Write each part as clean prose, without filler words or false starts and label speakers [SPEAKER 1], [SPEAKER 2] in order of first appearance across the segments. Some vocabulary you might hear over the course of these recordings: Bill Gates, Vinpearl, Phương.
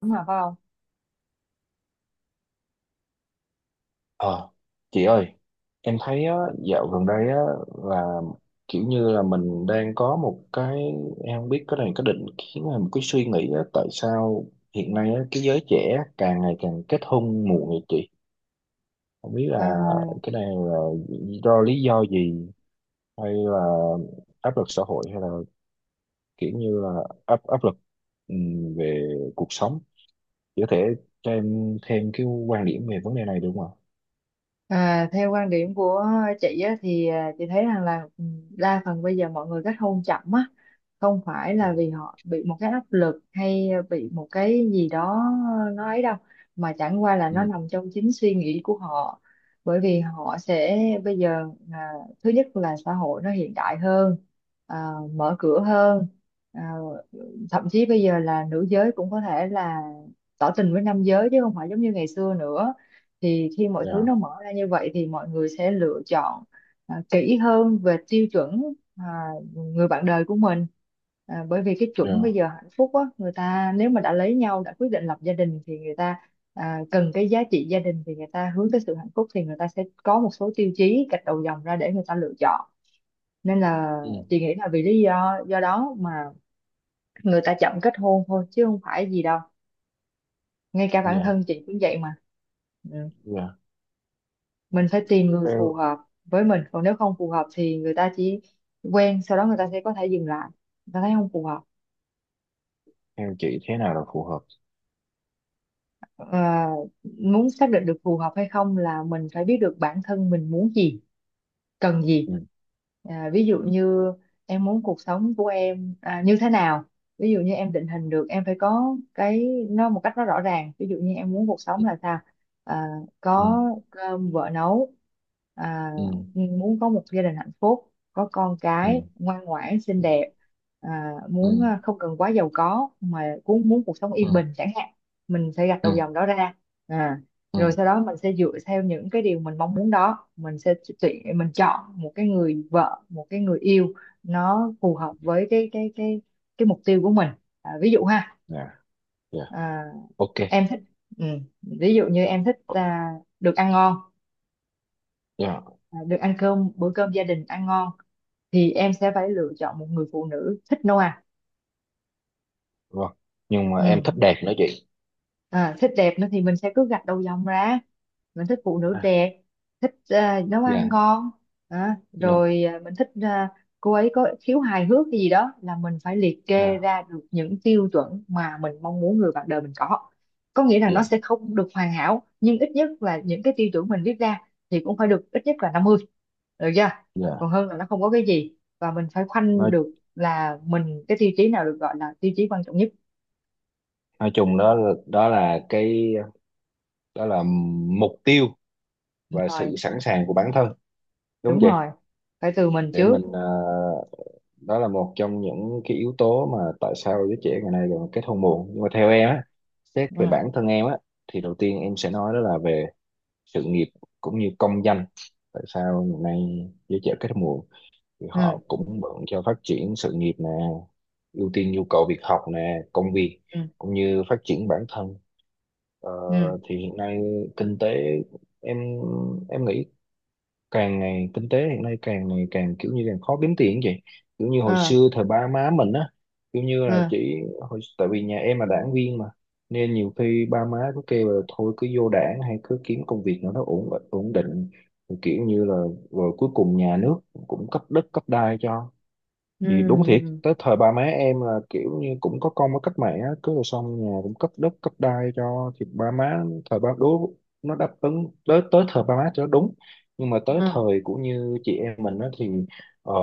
[SPEAKER 1] Đúng rồi phải không?
[SPEAKER 2] Ờ, chị ơi, em thấy á, dạo gần đây á, là kiểu như là mình đang có một cái, em không biết cái này có định kiến hay một cái suy nghĩ á, tại sao hiện nay á, cái giới trẻ càng ngày càng kết hôn muộn vậy chị? Không biết là
[SPEAKER 1] À,
[SPEAKER 2] cái này là do lý do gì hay là áp lực xã hội hay là kiểu như là áp áp lực về cuộc sống. Chị có thể cho em thêm cái quan điểm về vấn đề này được không ạ?
[SPEAKER 1] theo quan điểm của chị á, chị thấy rằng là đa phần bây giờ mọi người kết hôn chậm á không phải
[SPEAKER 2] Ừ.
[SPEAKER 1] là vì họ bị một cái áp lực hay bị một cái gì đó nó ấy đâu, mà chẳng qua là nó
[SPEAKER 2] Ừ,
[SPEAKER 1] nằm trong chính suy nghĩ của họ. Bởi vì họ sẽ bây giờ, à, thứ nhất là xã hội nó hiện đại hơn, mở cửa hơn, ờ, thậm chí bây giờ là nữ giới cũng có thể là tỏ tình với nam giới chứ không phải giống như ngày xưa nữa. Thì khi mọi thứ
[SPEAKER 2] dạ,
[SPEAKER 1] nó mở ra như vậy thì mọi người sẽ lựa chọn kỹ hơn về tiêu chuẩn à, người bạn đời của mình, bởi vì cái chuẩn bây
[SPEAKER 2] dạ.
[SPEAKER 1] giờ hạnh phúc á, người ta nếu mà đã lấy nhau đã quyết định lập gia đình thì người ta cần cái giá trị gia đình, thì người ta hướng tới sự hạnh phúc thì người ta sẽ có một số tiêu chí gạch đầu dòng ra để người ta lựa chọn. Nên là
[SPEAKER 2] Ừ.
[SPEAKER 1] chị nghĩ là vì lý do đó mà người ta chậm kết hôn thôi chứ không phải gì đâu, ngay cả bản
[SPEAKER 2] Dạ,
[SPEAKER 1] thân chị cũng vậy mà. Ừ.
[SPEAKER 2] dạ.
[SPEAKER 1] Mình phải tìm người phù
[SPEAKER 2] theo
[SPEAKER 1] hợp với mình, còn nếu không phù hợp thì người ta chỉ quen sau đó người ta sẽ có thể dừng lại, người ta thấy không phù hợp.
[SPEAKER 2] theo chị thế nào là phù hợp?
[SPEAKER 1] Ờ, Muốn xác định được phù hợp hay không là mình phải biết được bản thân mình muốn gì, cần gì.
[SPEAKER 2] Ừ,
[SPEAKER 1] Ví dụ như em muốn cuộc sống của em như thế nào, ví dụ như em định hình được em phải có cái nó một cách nó rõ ràng, ví dụ như em muốn cuộc sống là sao, à,
[SPEAKER 2] ừ,
[SPEAKER 1] có cơm vợ nấu, à,
[SPEAKER 2] ừ,
[SPEAKER 1] muốn có một gia đình hạnh phúc có con
[SPEAKER 2] ừ,
[SPEAKER 1] cái ngoan ngoãn xinh đẹp,
[SPEAKER 2] ừ,
[SPEAKER 1] muốn không cần quá giàu có mà cũng muốn cuộc sống
[SPEAKER 2] ừ,
[SPEAKER 1] yên
[SPEAKER 2] ừ,
[SPEAKER 1] bình chẳng hạn. Mình sẽ gạch
[SPEAKER 2] ừ,
[SPEAKER 1] đầu dòng đó ra. À,
[SPEAKER 2] ừ.
[SPEAKER 1] Rồi sau đó mình sẽ dựa theo những cái điều mình mong muốn đó, mình sẽ tuyển, mình chọn một cái người vợ, một cái người yêu nó phù hợp với cái mục tiêu của mình. Ví dụ ha,
[SPEAKER 2] Dạ, dạ.
[SPEAKER 1] à,
[SPEAKER 2] OK.
[SPEAKER 1] em thích, ừ, ví dụ như em thích được ăn ngon,
[SPEAKER 2] Dạ,
[SPEAKER 1] được ăn cơm, bữa cơm gia đình ăn ngon, thì em sẽ phải lựa chọn một người phụ nữ thích nấu ăn.
[SPEAKER 2] vâng. Nhưng mà
[SPEAKER 1] ừ,
[SPEAKER 2] em thích đẹp nữa chị.
[SPEAKER 1] Thích đẹp nữa thì mình sẽ cứ gạch đầu dòng ra, mình thích phụ nữ
[SPEAKER 2] À.
[SPEAKER 1] đẹp, thích nấu ăn
[SPEAKER 2] Dạ,
[SPEAKER 1] ngon,
[SPEAKER 2] dạ,
[SPEAKER 1] rồi mình thích cô ấy có khiếu hài hước, cái gì đó là mình phải liệt kê
[SPEAKER 2] dạ,
[SPEAKER 1] ra được những tiêu chuẩn mà mình mong muốn người bạn đời mình có. Có nghĩa là nó
[SPEAKER 2] dạ,
[SPEAKER 1] sẽ không được hoàn hảo, nhưng ít nhất là những cái tiêu chuẩn mình viết ra thì cũng phải được ít nhất là năm mươi, được chưa?
[SPEAKER 2] dạ.
[SPEAKER 1] Còn hơn là nó không có cái gì, và mình phải khoanh
[SPEAKER 2] nói
[SPEAKER 1] được là mình cái tiêu chí nào được gọi là tiêu chí quan trọng nhất.
[SPEAKER 2] nói chung, đó là mục tiêu và
[SPEAKER 1] Rồi,
[SPEAKER 2] sự sẵn sàng của bản thân. Đúng
[SPEAKER 1] đúng
[SPEAKER 2] vậy.
[SPEAKER 1] rồi, phải từ mình
[SPEAKER 2] Để
[SPEAKER 1] trước.
[SPEAKER 2] mình. Ờ, Đó là một trong những cái yếu tố mà tại sao giới trẻ ngày nay còn kết hôn muộn, nhưng mà theo em á, xét về bản
[SPEAKER 1] Ừ
[SPEAKER 2] thân em á, thì đầu tiên em sẽ nói đó là về sự nghiệp cũng như công danh. Tại sao ngày nay giới trẻ kết hôn muộn? Thì
[SPEAKER 1] ừ
[SPEAKER 2] họ cũng bận cho phát triển sự nghiệp nè, ưu tiên nhu cầu việc học nè, công việc,
[SPEAKER 1] ừ
[SPEAKER 2] cũng như phát triển bản thân. ờ,
[SPEAKER 1] ừ
[SPEAKER 2] thì hiện nay kinh tế, em em nghĩ, càng ngày kinh tế hiện nay càng ngày càng kiểu như càng khó kiếm tiền vậy. Kiểu như hồi
[SPEAKER 1] ờ,
[SPEAKER 2] xưa thời ba má mình á, kiểu như là
[SPEAKER 1] ờ,
[SPEAKER 2] chỉ, hồi, tại vì nhà em là đảng viên mà, nên nhiều khi ba má cứ kêu là thôi cứ vô đảng hay cứ kiếm công việc nào nó ổn ổn định. Thì kiểu như là rồi cuối cùng nhà nước cũng cấp đất cấp đai cho. Thì đúng thiệt
[SPEAKER 1] ừ
[SPEAKER 2] tới thời ba má em là kiểu như cũng có công với cách mạng á, cứ rồi xong nhà cũng cấp đất cấp đai cho thì ba má, thời ba đối, nó đáp ứng tới tới thời ba má cho nó đúng. Nhưng mà
[SPEAKER 1] ừ
[SPEAKER 2] tới
[SPEAKER 1] ừ
[SPEAKER 2] thời của như chị em mình á thì, ờ,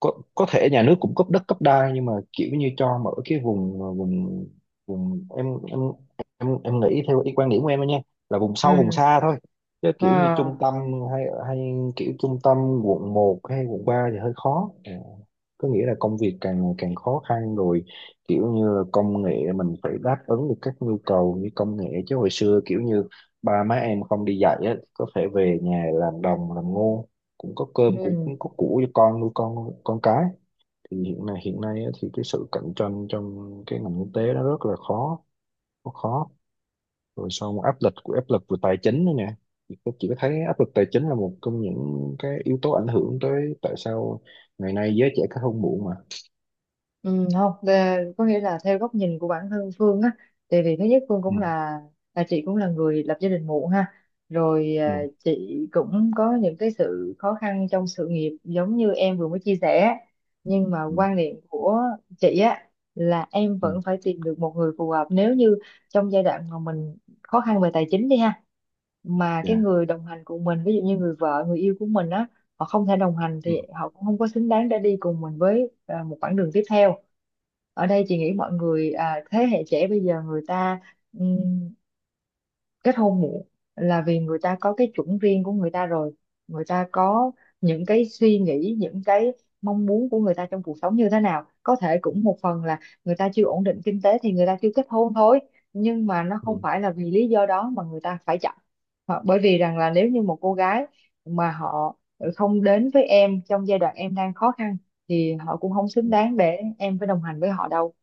[SPEAKER 2] có thể nhà nước cũng cấp đất cấp đai nhưng mà kiểu như cho mở cái vùng, ờ, vùng vùng em nghĩ theo ý quan điểm của em thôi nha, là vùng sâu vùng
[SPEAKER 1] ừ
[SPEAKER 2] xa thôi. Chứ kiểu như
[SPEAKER 1] ờ,
[SPEAKER 2] trung tâm, hay hay kiểu trung tâm quận 1 hay quận 3 thì hơi khó. Ờ, có nghĩa là công việc càng ngày càng khó khăn rồi. Kiểu như là công nghệ mình phải đáp ứng được các nhu cầu như công nghệ, chứ hồi xưa kiểu như ba má em không đi dạy á, có thể về nhà làm đồng làm ngô, cũng có cơm cũng
[SPEAKER 1] ừ.
[SPEAKER 2] cũng có củ cho con nuôi con cái. Thì hiện nay á, thì cái sự cạnh tranh trong cái ngành kinh tế nó rất là khó. Rất khó. Rồi sau một áp lực về tài chính nữa nè. Thì tôi chỉ có thấy áp lực tài chính là một trong những cái yếu tố ảnh hưởng tới, tại sao ngày nay giới trẻ kết hôn muộn mà.
[SPEAKER 1] Ừ, không là- có nghĩa là theo góc nhìn của bản thân Phương á, thì vì thứ nhất Phương
[SPEAKER 2] Ừ,
[SPEAKER 1] cũng là chị cũng là người lập gia đình muộn ha, rồi
[SPEAKER 2] ừ,
[SPEAKER 1] chị cũng có những cái sự khó khăn trong sự nghiệp giống như em vừa mới chia sẻ, nhưng mà
[SPEAKER 2] ừ,
[SPEAKER 1] quan điểm của chị á là em
[SPEAKER 2] ừ.
[SPEAKER 1] vẫn phải tìm được một người phù hợp. Nếu như trong giai đoạn mà mình khó khăn về tài chính đi ha, mà cái
[SPEAKER 2] Dạ,
[SPEAKER 1] người đồng hành cùng mình, ví dụ như người vợ người yêu của mình á, họ không thể đồng hành
[SPEAKER 2] ừ,
[SPEAKER 1] thì họ cũng không có xứng đáng để đi cùng mình với một quãng đường tiếp theo. Ở đây chị nghĩ mọi người, thế hệ trẻ bây giờ người ta kết hôn muộn là vì người ta có cái chuẩn riêng của người ta rồi, người ta có những cái suy nghĩ, những cái mong muốn của người ta trong cuộc sống như thế nào. Có thể cũng một phần là người ta chưa ổn định kinh tế thì người ta chưa kết hôn thôi, nhưng mà nó không
[SPEAKER 2] ừ,
[SPEAKER 1] phải là vì lý do đó mà người ta phải chọn. Hoặc- bởi vì rằng là nếu như một cô gái mà họ không đến với em trong giai đoạn em đang khó khăn, thì họ cũng không
[SPEAKER 2] ừ.
[SPEAKER 1] xứng đáng để em phải đồng hành với họ đâu.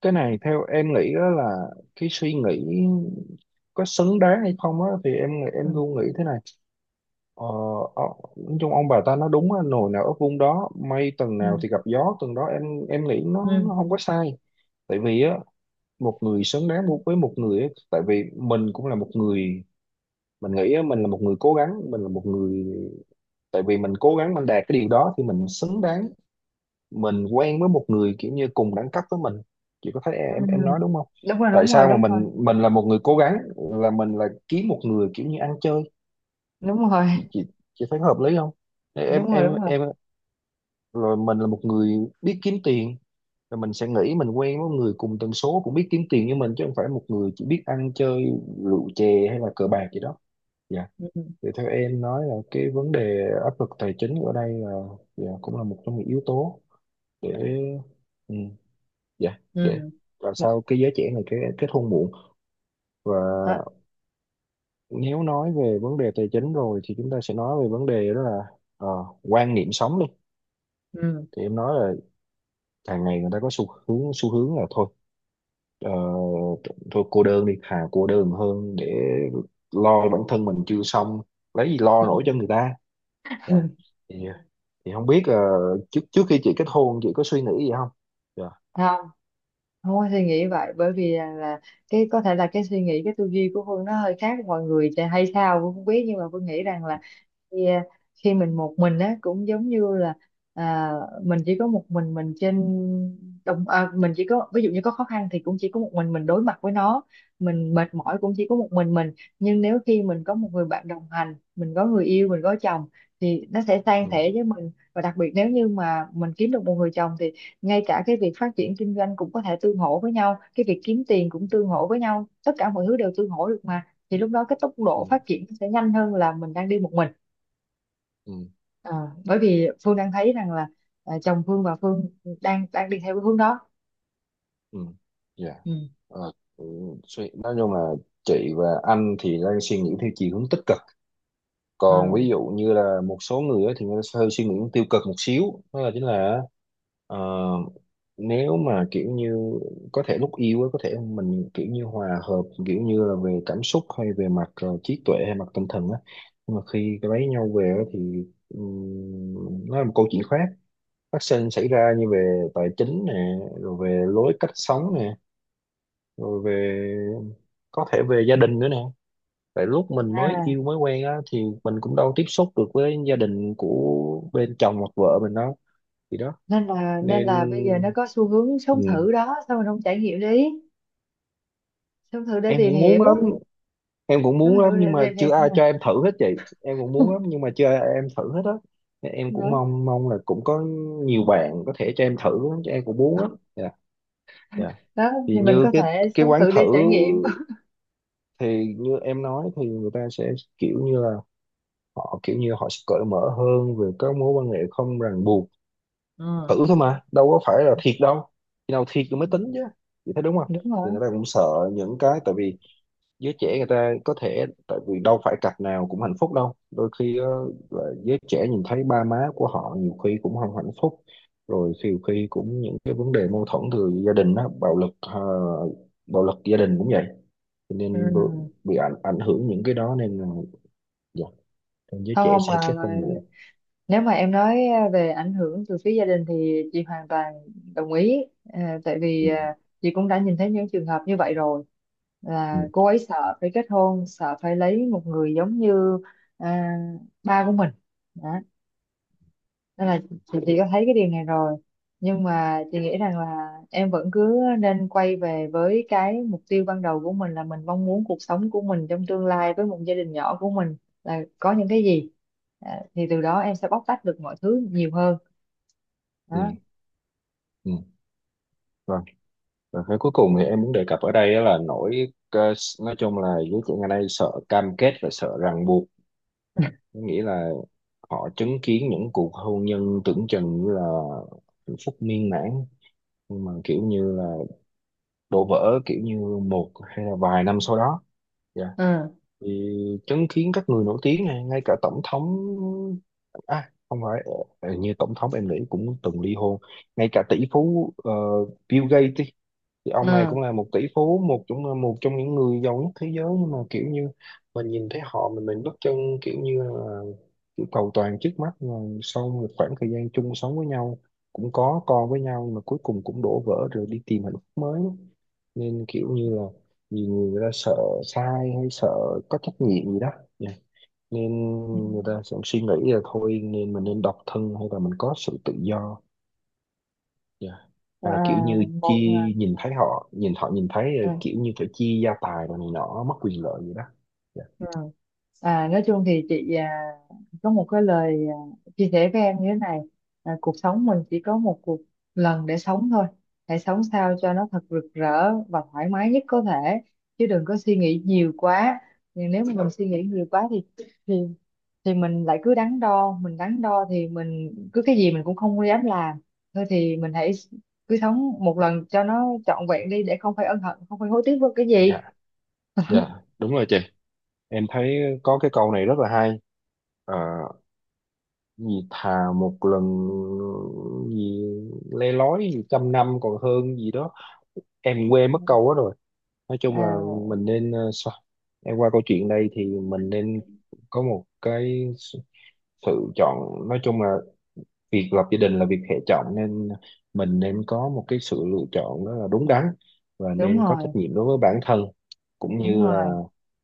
[SPEAKER 2] Cái này theo em nghĩ á là cái suy nghĩ có xứng đáng hay không á thì em
[SPEAKER 1] Ừ.
[SPEAKER 2] em luôn nghĩ thế này. Ờ, ờ, nói chung ông bà ta nói đúng á, nồi nào ấp vung đó, mây tầng nào
[SPEAKER 1] Ừ.
[SPEAKER 2] thì gặp gió tầng đó em. Em nghĩ nó
[SPEAKER 1] Ừ.
[SPEAKER 2] nó không có sai. Tại vì á, một người xứng đáng với một người á, tại vì mình cũng là một người. Mình nghĩ á, mình là một người cố gắng, mình là một người, tại vì mình cố gắng mình đạt cái điều đó thì mình xứng đáng. Mình quen với một người kiểu như cùng đẳng cấp với mình. Chị có thấy
[SPEAKER 1] Ừ.
[SPEAKER 2] em nói đúng không?
[SPEAKER 1] Đúng rồi,
[SPEAKER 2] Tại
[SPEAKER 1] đúng rồi,
[SPEAKER 2] sao mà
[SPEAKER 1] đúng rồi.
[SPEAKER 2] mình là một người cố gắng là mình là kiếm một người kiểu như ăn chơi?
[SPEAKER 1] Đúng rồi.
[SPEAKER 2] Chị chị chị thấy hợp lý không? em
[SPEAKER 1] Đúng rồi.
[SPEAKER 2] em
[SPEAKER 1] Đúng rồi.
[SPEAKER 2] em rồi mình là một người biết kiếm tiền, rồi mình sẽ nghĩ mình quen với người cùng tần số cũng biết kiếm tiền như mình chứ không phải một người chỉ biết ăn chơi rượu chè hay là cờ bạc gì đó. Dạ.
[SPEAKER 1] Ừ.
[SPEAKER 2] Thì theo em nói là cái vấn đề áp lực tài chính ở đây là, dạ cũng là một trong những yếu tố để, ừ, dạ, để,
[SPEAKER 1] Ừ.
[SPEAKER 2] và sao cái giới trẻ này cái kết hôn muộn. Và
[SPEAKER 1] Đó.
[SPEAKER 2] nếu nói về vấn đề tài chính rồi thì chúng ta sẽ nói về vấn đề đó là, ờ, quan niệm sống đi.
[SPEAKER 1] Ừ.
[SPEAKER 2] Thì em nói là càng ngày người ta có xu hướng là thôi. Ờ, Thôi cô đơn đi, thà cô đơn hơn để lo bản thân mình chưa xong lấy gì lo
[SPEAKER 1] Ừ.
[SPEAKER 2] nổi cho người ta. Dạ. Thì không biết trước trước khi chị kết hôn chị có suy nghĩ gì không? Dạ.
[SPEAKER 1] Không. Không có suy nghĩ vậy, bởi vì là cái có thể là cái suy nghĩ, cái tư duy của Phương nó hơi khác mọi người thì hay sao Phương không biết, nhưng mà Phương nghĩ rằng là khi, khi mình một mình á cũng giống như là, à, mình chỉ có một mình trên đồng, mình chỉ có ví dụ như có khó khăn thì cũng chỉ có một mình đối mặt với nó, mình mệt mỏi cũng chỉ có một mình mình. Nhưng nếu khi mình có một người bạn đồng hành, mình có người yêu, mình có chồng, thì nó sẽ san
[SPEAKER 2] Ừ,
[SPEAKER 1] sẻ với mình. Và đặc biệt nếu như mà mình kiếm được một người chồng thì ngay cả cái việc phát triển kinh doanh cũng có thể tương hỗ với nhau, cái việc kiếm tiền cũng tương hỗ với nhau, tất cả mọi thứ đều tương hỗ được mà, thì lúc đó cái tốc
[SPEAKER 2] ừ,
[SPEAKER 1] độ phát triển sẽ nhanh hơn là mình đang đi một mình.
[SPEAKER 2] ừ,
[SPEAKER 1] Ờ, Bởi vì Phương đang thấy rằng là chồng Phương và Phương đang đang đi theo cái hướng đó.
[SPEAKER 2] ừ, dạ.
[SPEAKER 1] Ừ.
[SPEAKER 2] Ờ, ừ, nói chung là chị và anh thì đang suy nghĩ theo chiều hướng tích cực,
[SPEAKER 1] Ừ.
[SPEAKER 2] còn ví dụ như là một số người á thì người ta sẽ hơi suy nghĩ tiêu cực một xíu, đó là chính là, ờ, nếu mà kiểu như có thể lúc yêu á, có thể mình kiểu như hòa hợp kiểu như là về cảm xúc hay về mặt, trí tuệ hay mặt tinh thần á, nhưng mà khi lấy nhau về á thì, nó là một câu chuyện khác phát sinh xảy ra, như về tài chính nè, rồi về lối cách sống nè, rồi về, có thể về gia đình nữa nè. Tại lúc mình mới
[SPEAKER 1] À,
[SPEAKER 2] yêu mới quen á thì mình cũng đâu tiếp xúc được với gia đình của bên chồng hoặc vợ mình đâu. Thì đó
[SPEAKER 1] Nên là, nên
[SPEAKER 2] nên,
[SPEAKER 1] là bây giờ nó có xu hướng sống
[SPEAKER 2] ừ.
[SPEAKER 1] thử đó, sao mình không trải nghiệm đi, sống thử để
[SPEAKER 2] Em
[SPEAKER 1] tìm
[SPEAKER 2] cũng
[SPEAKER 1] hiểu.
[SPEAKER 2] muốn lắm. Em cũng muốn
[SPEAKER 1] Sống
[SPEAKER 2] lắm
[SPEAKER 1] hiểu
[SPEAKER 2] nhưng
[SPEAKER 1] để
[SPEAKER 2] mà
[SPEAKER 1] tìm hiểu
[SPEAKER 2] chưa ai
[SPEAKER 1] mà.
[SPEAKER 2] cho em thử hết chị. Em cũng muốn lắm nhưng mà chưa ai em thử hết á. Nên em cũng
[SPEAKER 1] Đó.
[SPEAKER 2] mong mong là cũng có nhiều bạn có thể cho em thử lắm, chứ em cũng muốn lắm. Dạ. Dạ.
[SPEAKER 1] Đó
[SPEAKER 2] Thì
[SPEAKER 1] thì mình
[SPEAKER 2] như
[SPEAKER 1] có
[SPEAKER 2] cái
[SPEAKER 1] thể
[SPEAKER 2] cái
[SPEAKER 1] sống
[SPEAKER 2] quán
[SPEAKER 1] thử
[SPEAKER 2] thử,
[SPEAKER 1] để trải nghiệm.
[SPEAKER 2] thì như em nói thì người ta sẽ kiểu như là họ kiểu như họ sẽ cởi mở hơn về các mối quan hệ không ràng buộc.
[SPEAKER 1] Ừ.
[SPEAKER 2] Thử thôi mà đâu có phải là thiệt đâu, khi nào thiệt rồi mới tính chứ. Chị thấy đúng không?
[SPEAKER 1] Đúng rồi.
[SPEAKER 2] Thì người ta cũng sợ những cái, tại vì giới trẻ người ta có thể, tại vì đâu phải cặp nào cũng hạnh phúc đâu, đôi khi là giới trẻ nhìn thấy ba má của họ nhiều khi cũng không hạnh phúc, rồi nhiều khi cũng những cái vấn đề mâu thuẫn từ gia đình đó, bạo lực, bạo lực gia đình cũng vậy, cho
[SPEAKER 1] Ừ.
[SPEAKER 2] nên bị ảnh ảnh hưởng những cái đó nên là, dạ, giới
[SPEAKER 1] Không
[SPEAKER 2] trẻ
[SPEAKER 1] không
[SPEAKER 2] sẽ
[SPEAKER 1] mà,
[SPEAKER 2] kết hôn
[SPEAKER 1] mà
[SPEAKER 2] muộn.
[SPEAKER 1] nếu mà em nói về ảnh hưởng từ phía gia đình thì chị hoàn toàn đồng ý. Ờ, tại vì
[SPEAKER 2] Ừ,
[SPEAKER 1] chị cũng đã nhìn thấy những trường hợp như vậy rồi,
[SPEAKER 2] ừ,
[SPEAKER 1] là cô ấy sợ phải kết hôn, sợ phải lấy một người giống như ờ, ba của mình. Đó, nên là chị có thấy cái điều này rồi, nhưng mà chị nghĩ rằng là em vẫn cứ nên quay về với cái mục tiêu ban đầu của mình, là mình mong muốn cuộc sống của mình trong tương lai với một gia đình nhỏ của mình là có những cái gì, thì từ đó em sẽ bóc tách được mọi thứ nhiều hơn.
[SPEAKER 2] ừ,
[SPEAKER 1] Đó.
[SPEAKER 2] ừ. Và cái cuối cùng thì em muốn đề cập ở đây á là nỗi, nói chung là giới trẻ ngày nay sợ cam kết và sợ ràng buộc. Có nghĩa là họ chứng kiến những cuộc hôn nhân tưởng chừng như là hạnh phúc miên mãn nhưng mà kiểu như là đổ vỡ kiểu như một hay là vài năm sau đó. Dạ.
[SPEAKER 1] ừ
[SPEAKER 2] Thì chứng kiến các người nổi tiếng này, ngay cả tổng thống, à không phải, như tổng thống em nghĩ cũng từng ly hôn. Ngay cả tỷ phú, Bill Gates đi, thì
[SPEAKER 1] ừ
[SPEAKER 2] ông này cũng là một tỷ phú, một trong những người giàu nhất thế giới, nhưng mà kiểu như mình nhìn thấy họ, mình bất chân kiểu như là, kiểu cầu toàn trước mắt mà sau một khoảng thời gian chung sống với nhau cũng có con với nhau nhưng mà cuối cùng cũng đổ vỡ rồi đi tìm hạnh phúc mới. Nên kiểu như là nhiều người người ta sợ sai hay sợ có trách nhiệm gì đó. Dạ. Nên người ta sẽ suy nghĩ là thôi, nên mình nên độc thân hay là mình có sự tự do. Dạ.
[SPEAKER 1] à,
[SPEAKER 2] Và là kiểu như chi
[SPEAKER 1] một
[SPEAKER 2] nhìn thấy họ, nhìn thấy
[SPEAKER 1] à,
[SPEAKER 2] kiểu như phải chia gia tài rồi này nọ mất quyền lợi gì đó. Dạ.
[SPEAKER 1] Ừ. Nói chung thì chị có một cái lời chia sẻ với em như thế này. Cuộc sống mình chỉ có một cuộc, lần để sống thôi, hãy sống sao cho nó thật rực rỡ và thoải mái nhất có thể, chứ đừng có suy nghĩ nhiều quá. Nhưng nếu mà mình suy nghĩ nhiều quá thì, thì thì mình lại cứ đắn đo, mình đắn đo thì mình cứ cái gì mình cũng không dám làm. Thôi thì mình hãy cứ sống một lần cho nó trọn vẹn đi, để không phải ân hận, không phải hối tiếc với cái gì.
[SPEAKER 2] Dạ. Dạ, đúng rồi chị. Em thấy có cái câu này rất là hay. Ờ, gì thà một lần, gì, le lói gì trăm năm còn hơn gì đó. Em quên mất câu đó rồi. Nói chung là
[SPEAKER 1] à,
[SPEAKER 2] mình nên, sao? Em qua câu chuyện đây thì mình nên có một cái sự chọn, nói chung là việc lập gia đình là việc hệ trọng nên mình nên có một cái sự lựa chọn đó là đúng đắn và
[SPEAKER 1] Đúng
[SPEAKER 2] nên có
[SPEAKER 1] rồi.
[SPEAKER 2] trách nhiệm đối với bản thân, cũng
[SPEAKER 1] Đúng
[SPEAKER 2] như là,
[SPEAKER 1] rồi.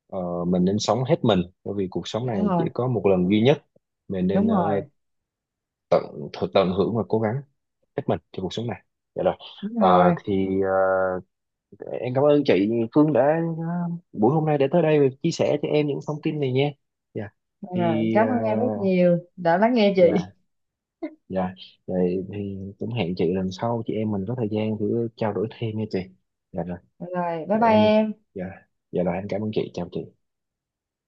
[SPEAKER 2] mình nên sống hết mình bởi vì cuộc sống
[SPEAKER 1] Đúng
[SPEAKER 2] này chỉ
[SPEAKER 1] rồi.
[SPEAKER 2] có một lần duy nhất. Mình nên,
[SPEAKER 1] Đúng
[SPEAKER 2] ờ,
[SPEAKER 1] rồi.
[SPEAKER 2] tận thực tận hưởng và cố gắng hết mình cho cuộc sống này. Dạ rồi.
[SPEAKER 1] Đúng
[SPEAKER 2] Ờ,
[SPEAKER 1] rồi.
[SPEAKER 2] thì, ờ, em cảm ơn chị Phương đã, ờ, buổi hôm nay đã tới đây và chia sẻ cho em những thông tin này nha. Dạ.
[SPEAKER 1] Rồi,
[SPEAKER 2] Thì,
[SPEAKER 1] cảm ơn em rất nhiều đã lắng nghe chị.
[SPEAKER 2] dạ. Dạ, vậy thì cũng hẹn chị lần sau chị em mình có thời gian thử trao đổi thêm nha chị. Dạ rồi,
[SPEAKER 1] Rồi, bye
[SPEAKER 2] dạ
[SPEAKER 1] bye
[SPEAKER 2] em,
[SPEAKER 1] em.
[SPEAKER 2] dạ, dạ rồi em cảm ơn chị, chào chị.